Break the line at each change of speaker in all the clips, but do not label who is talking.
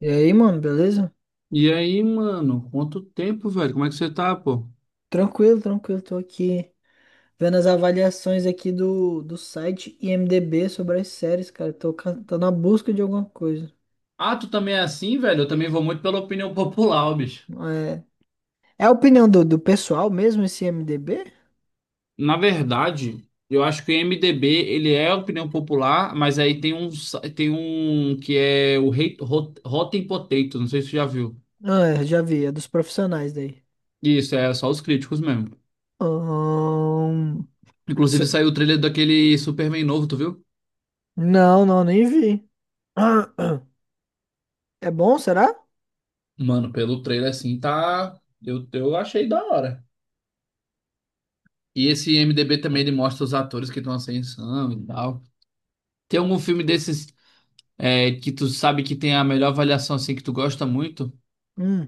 E aí, mano, beleza?
E aí, mano, quanto tempo, velho? Como é que você tá, pô?
Tranquilo, tranquilo. Tô aqui vendo as avaliações aqui do site IMDb sobre as séries, cara. Tô, tô na busca de alguma coisa.
Ah, tu também é assim, velho? Eu também vou muito pela opinião popular, ó, bicho.
É, é a opinião do pessoal mesmo esse IMDb?
Na verdade, eu acho que o MDB, ele é opinião popular, mas aí tem tem um que é o Rotten Potato, não sei se tu já viu.
Ah, é, já vi, é dos profissionais daí.
Isso, é só os críticos mesmo.
Ahn,
Inclusive
se-
saiu o trailer daquele Superman novo, tu viu?
não, não, nem vi. É bom, será?
Mano, pelo trailer assim, tá. Eu achei da hora. E esse MDB também, ele mostra os atores que estão em ascensão e tal. Tem algum filme desses que tu sabe que tem a melhor avaliação assim que tu gosta muito?
Hum,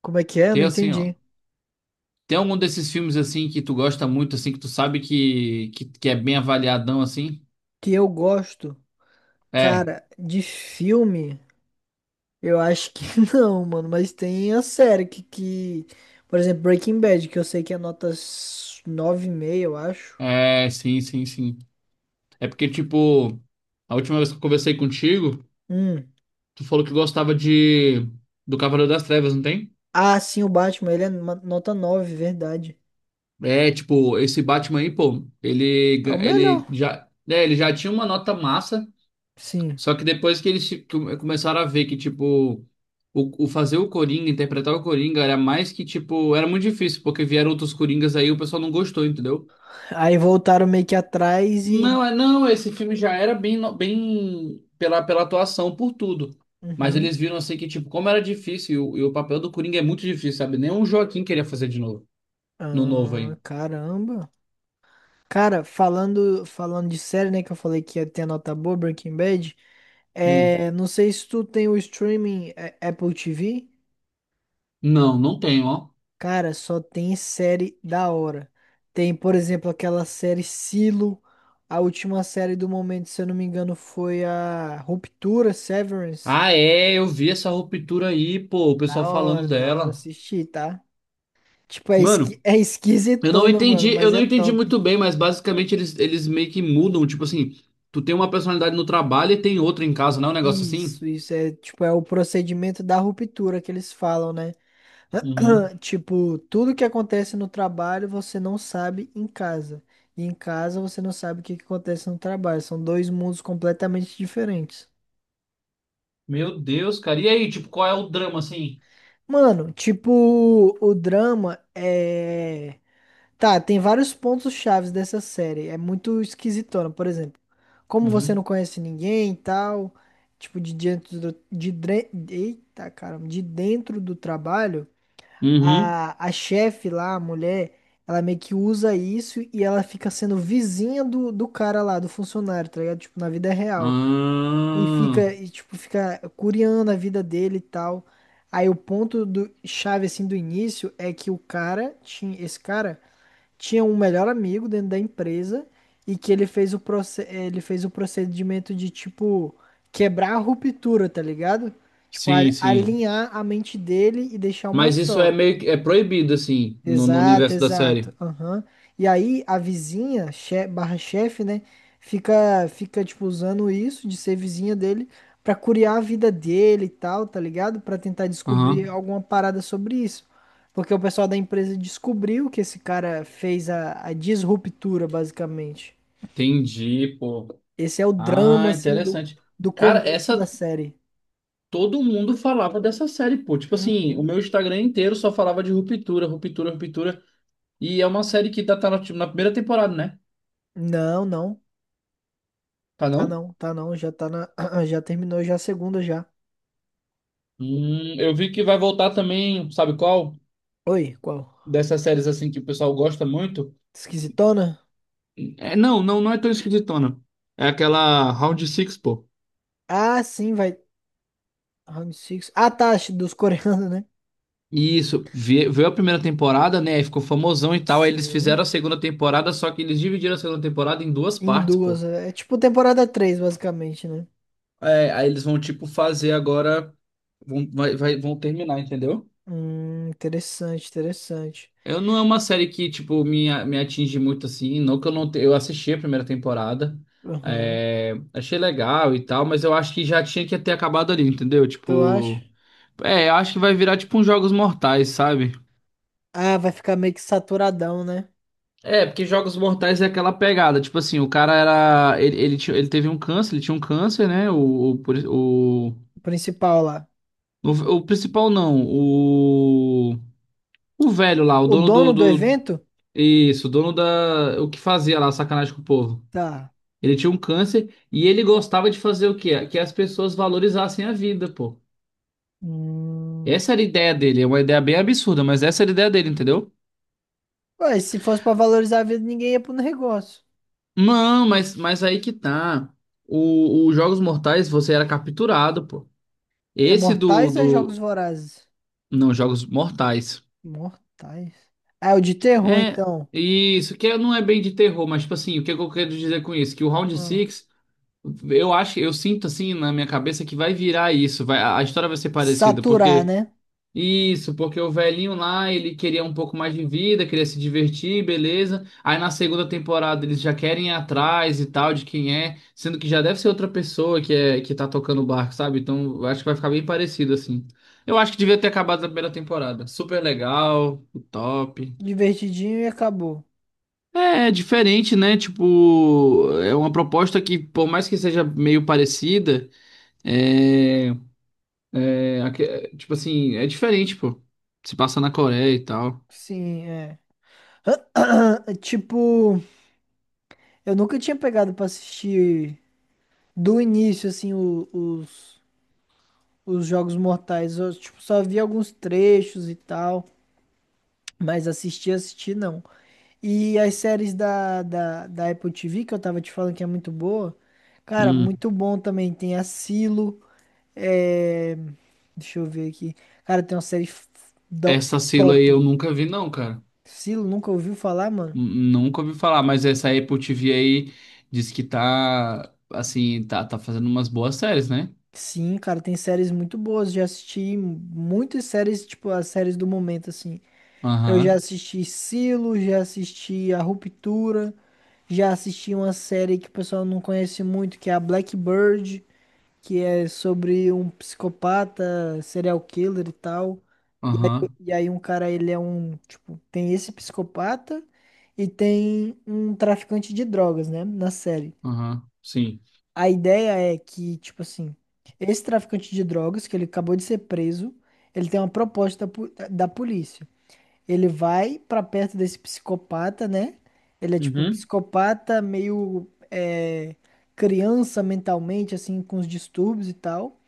como é que é? Não
Tem assim, ó.
entendi.
Tem algum desses filmes assim que tu gosta muito assim que tu sabe que é bem avaliadão assim?
Que eu gosto,
É.
cara, de filme. Eu acho que não, mano, mas tem a série que por exemplo, Breaking Bad, que eu sei que é nota nove e meio, eu acho.
É, sim, sim, sim. É porque tipo, a última vez que eu conversei contigo,
Hum.
tu falou que gostava de do Cavaleiro das Trevas, não tem?
Ah, sim, o Batman, ele é nota 9, verdade.
É, tipo, esse Batman aí, pô,
É o melhor.
ele já, ele já tinha uma nota massa.
Sim.
Só que depois que eles tipo, começaram a ver que, tipo, o fazer o Coringa, interpretar o Coringa, era mais que, tipo, era muito difícil, porque vieram outros Coringas aí e o pessoal não gostou, entendeu?
Aí voltaram meio que atrás e
Não, não, esse filme já era bem, bem pela, pela atuação, por tudo. Mas eles
uhum.
viram assim que, tipo, como era difícil, e o papel do Coringa é muito difícil, sabe? Nem o Joaquim queria fazer de novo, no novo
Ah,
aí.
caramba. Cara, falando de série, né, que eu falei que ia ter a nota boa, Breaking Bad,
Hum.
é, não sei se tu tem o streaming é, Apple TV.
Não, não tem, ó.
Cara, só tem série da hora. Tem, por exemplo, aquela série Silo. A última série do momento, se eu não me engano, foi a Ruptura, Severance.
Ah, é, eu vi essa ruptura aí, pô, o pessoal falando
Da hora
dela.
assistir, tá? Tipo, é,
Mano.
é
Eu não
esquisitona,
entendi,
mano,
eu
mas
não
é
entendi
top.
muito bem, mas basicamente eles meio que mudam, tipo assim, tu tem uma personalidade no trabalho e tem outra em casa, não é um negócio assim?
Isso é, tipo, é o procedimento da ruptura que eles falam, né?
Uhum.
Tipo, tudo que acontece no trabalho você não sabe em casa. E em casa você não sabe o que que acontece no trabalho. São dois mundos completamente diferentes.
Meu Deus, cara. E aí, tipo, qual é o drama assim?
Mano, tipo, o drama é. Tá, tem vários pontos chaves dessa série. É muito esquisitona, por exemplo. Como você não
Uhum.
conhece ninguém e tal, tipo, de dentro eita, caramba, de dentro do trabalho.
Uhum.
A chefe lá, a mulher, ela meio que usa isso e ela fica sendo vizinha do cara lá, do funcionário, tá ligado? Tipo, na vida real. E
Ah,
fica, e, tipo, fica curiando a vida dele e tal. Aí o ponto do chave, assim, do início é que o cara tinha, esse cara tinha um melhor amigo dentro da empresa e que ele fez ele fez o procedimento de, tipo, quebrar a ruptura, tá ligado? Tipo,
sim, sim.
alinhar a mente dele e deixar uma
Mas isso é
só.
meio que é proibido assim no, no
Exato,
universo da série.
exato. Aham. E aí a vizinha, barra chefe, né? Fica, fica, tipo, usando isso de ser vizinha dele pra curiar a vida dele e tal, tá ligado? Pra tentar descobrir
Aham.
alguma parada sobre isso. Porque o pessoal da empresa descobriu que esse cara fez a disruptura, basicamente.
Entendi, pô.
Esse é o drama,
Ah,
assim, do,
interessante.
do
Cara,
começo da
essa
série.
todo mundo falava dessa série, pô. Tipo assim, o
Uhum.
meu Instagram inteiro só falava de ruptura, ruptura, ruptura. E é uma série que tá, na primeira temporada, né?
Não, não.
Tá
Tá
não?
não, tá não. Já tá na. Já terminou já a segunda já.
Eu vi que vai voltar também, sabe qual?
Oi, qual?
Dessas séries assim que o pessoal gosta muito.
Esquisitona?
É, não, não, não é tão esquisitona. É aquela Round Six, pô.
Ah, sim, vai. Round six. Ah, tá, dos coreanos, né?
Isso, veio a primeira temporada, né? Aí ficou famosão e tal. Aí eles
Sim.
fizeram a segunda temporada, só que eles dividiram a segunda temporada em duas
Em
partes,
duas.
pô.
É é tipo temporada 3, basicamente, né?
É, aí eles vão, tipo, fazer agora. Vão, vão terminar, entendeu?
Interessante, interessante.
Eu não é uma série que, tipo, me atinge muito assim. Não que eu não te... Eu assisti a primeira temporada.
Aham.
Achei legal e tal, mas eu acho que já tinha que ter acabado ali, entendeu?
Tu acha?
Tipo. É, eu acho que vai virar tipo uns Jogos Mortais, sabe?
Ah, vai ficar meio que saturadão, né?
É, porque Jogos Mortais é aquela pegada, tipo assim, o cara era. Ele teve um câncer, ele tinha um câncer, né?
O principal lá.
O, o principal não, o. O velho lá, o
O
dono
dono
do,
do
do.
evento?
Isso, o dono da. O que fazia lá, sacanagem com o povo.
Tá.
Ele tinha um câncer e ele gostava de fazer o quê? Que as pessoas valorizassem a vida, pô.
Hum.
Essa era a ideia dele, é uma ideia bem absurda, mas essa era a ideia dele, entendeu?
Ué, se fosse pra valorizar a vida, ninguém ia pro negócio.
Não, mas aí que tá. O Jogos Mortais, você era capturado, pô.
É
Esse do,
Mortais ou é Jogos
do...
Vorazes?
Não, Jogos Mortais.
Mortais. Ah, é o de terror,
É,
então.
isso, que não é bem de terror, mas, tipo assim, o que eu quero dizer com isso? Que o Round
Hum.
Six eu acho, eu sinto, assim, na minha cabeça que vai virar isso. Vai, a história vai ser parecida,
Saturar,
porque...
né?
Isso, porque o velhinho lá, ele queria um pouco mais de vida, queria se divertir, beleza. Aí na segunda temporada eles já querem ir atrás e tal de quem é, sendo que já deve ser outra pessoa que é que tá tocando o barco, sabe? Então, eu acho que vai ficar bem parecido assim. Eu acho que devia ter acabado na primeira temporada. Super legal, top.
Divertidinho e acabou.
É, é diferente, né? Tipo, é uma proposta que, por mais que seja meio parecida, é, é, tipo assim, é diferente, pô. Se passa na Coreia e tal.
Sim, é. Tipo, eu nunca tinha pegado pra assistir do início, assim, os Jogos Mortais. Eu, tipo, só vi alguns trechos e tal, mas assistir, assistir não. E as séries da Apple TV, que eu tava te falando que é muito boa, cara,
Hum.
muito bom também. Tem a Silo, é... deixa eu ver aqui. Cara, tem uma série f- da
Essa Silo aí
top.
eu nunca vi, não, cara.
Silo, nunca ouviu falar, mano?
Nunca ouvi falar, mas essa Apple TV aí diz que tá, assim, tá fazendo umas boas séries, né?
Sim, cara, tem séries muito boas. Já assisti muitas séries, tipo, as séries do momento, assim. Eu já
Aham,
assisti Silo, já assisti A Ruptura, já assisti uma série que o pessoal não conhece muito, que é a Blackbird, que é sobre um psicopata, serial killer e tal. E aí,
aham,
e aí um cara, ele é um, tipo, tem esse psicopata e tem um traficante de drogas, né, na série.
aham, sim.
A ideia é que, tipo assim, esse traficante de drogas, que ele acabou de ser preso, ele tem uma proposta po- da polícia. Ele vai pra perto desse psicopata, né? Ele é tipo
Uhum.
psicopata, meio é, criança mentalmente, assim, com os distúrbios e tal.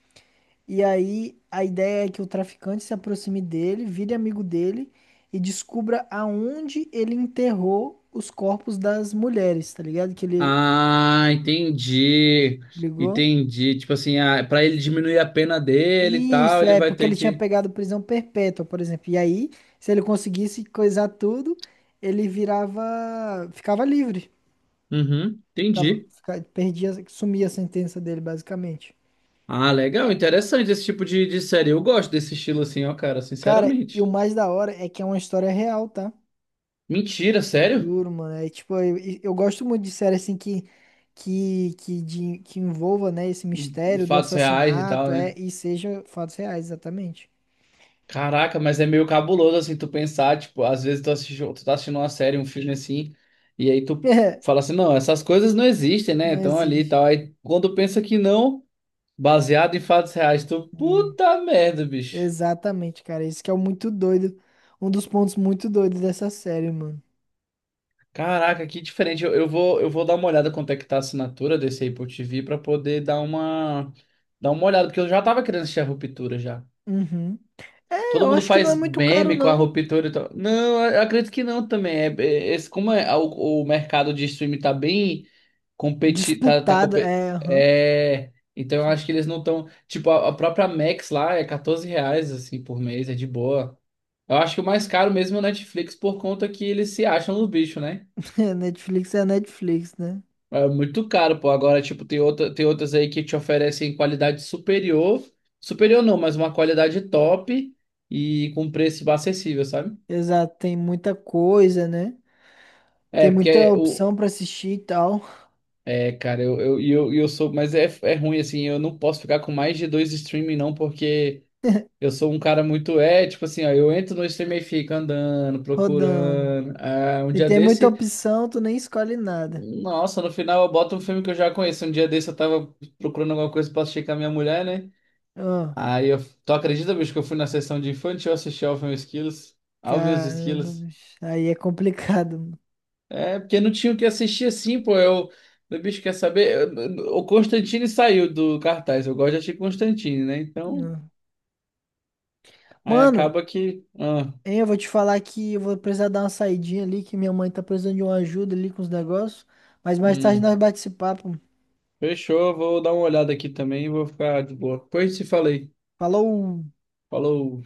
E aí a ideia é que o traficante se aproxime dele, vire amigo dele e descubra aonde ele enterrou os corpos das mulheres, tá ligado? Que ele
Ah, entendi.
ligou.
Entendi. Tipo assim, ah, pra ele diminuir a pena dele e tal,
Isso,
ele
é
vai
porque
ter
ele tinha
que.
pegado prisão perpétua, por exemplo. E aí, se ele conseguisse coisar tudo, ele virava, ficava livre.
Uhum,
Ficava,
entendi.
perdia, sumia a sentença dele, basicamente.
Ah, legal, interessante esse tipo de série. Eu gosto desse estilo assim, ó, cara,
Cara, e o
sinceramente.
mais da hora é que é uma história real, tá?
Mentira, sério?
Juro, mano. É tipo, eu gosto muito de série assim que que envolva, né, esse mistério do
Fatos reais e
assassinato,
tal,
é,
né?
e seja fatos reais, exatamente.
Caraca, mas é meio cabuloso assim tu pensar, tipo, às vezes tu assiste, tu tá assistindo uma série, um filme assim, e aí tu fala assim, não, essas coisas não existem, né?
Não
Então ali e
existe.
tal. Aí quando pensa que não, baseado em fatos reais, tu,
Hum.
puta merda, bicho.
Exatamente, cara. Isso que é o muito doido. Um dos pontos muito doidos dessa série, mano.
Caraca, que diferente. Eu vou dar uma olhada quanto é que tá a assinatura desse Apple TV pra poder dar dar uma olhada, porque eu já tava querendo assistir a Ruptura já.
Uhum. É,
Todo
eu
mundo
acho que não é
faz
muito caro,
meme com a
não.
ruptura e tal. Não, eu acredito que não também. Como é, o mercado de streaming tá bem competi, tá, tá
Disputado,
compe-
é, aham.
é, então eu acho que eles não estão. Tipo, a própria Max lá é R$ 14 assim, por mês, é de boa. Eu acho que o mais caro mesmo é o Netflix por conta que eles se acham no bicho, né?
A Netflix é a Netflix, né?
É muito caro, pô. Agora, tipo, tem outras aí que te oferecem qualidade superior. Superior não, mas uma qualidade top e com preço acessível, sabe?
Exato, tem muita coisa, né? Tem
É, porque
muita
é o.
opção pra assistir e tal,
É, cara, eu sou. Mas é, é ruim, assim, eu não posso ficar com mais de dois streaming, não, porque eu sou um cara muito. É, tipo assim, ó, eu entro no streaming e fico andando,
rodando.
procurando. Ah, um
E
dia
tem muita
desse,
opção, tu nem escolhe nada.
nossa, no final eu boto um filme que eu já conheço. Um dia desse eu tava procurando alguma coisa pra assistir com a minha mulher, né?
Ah,
Aí eu. Tu acredita, bicho, que eu fui na sessão de infantil assistir Alvin e os Esquilos? Alvin e os
caramba,
Esquilos.
bicho. Aí é complicado.
É, porque não tinha o que assistir assim, pô. Eu, meu bicho quer saber. O Constantine saiu do cartaz. Eu gosto de assistir Constantine, né? Então,
Mano. Ah.
aí
Mano,
acaba que. Ah,
hein, eu vou te falar que eu vou precisar dar uma saidinha ali, que minha mãe tá precisando de uma ajuda ali com os negócios. Mas mais tarde nós
hum,
bate esse papo.
fechou. Vou dar uma olhada aqui também e vou ficar de boa. Depois te falei.
Falou!
Falou.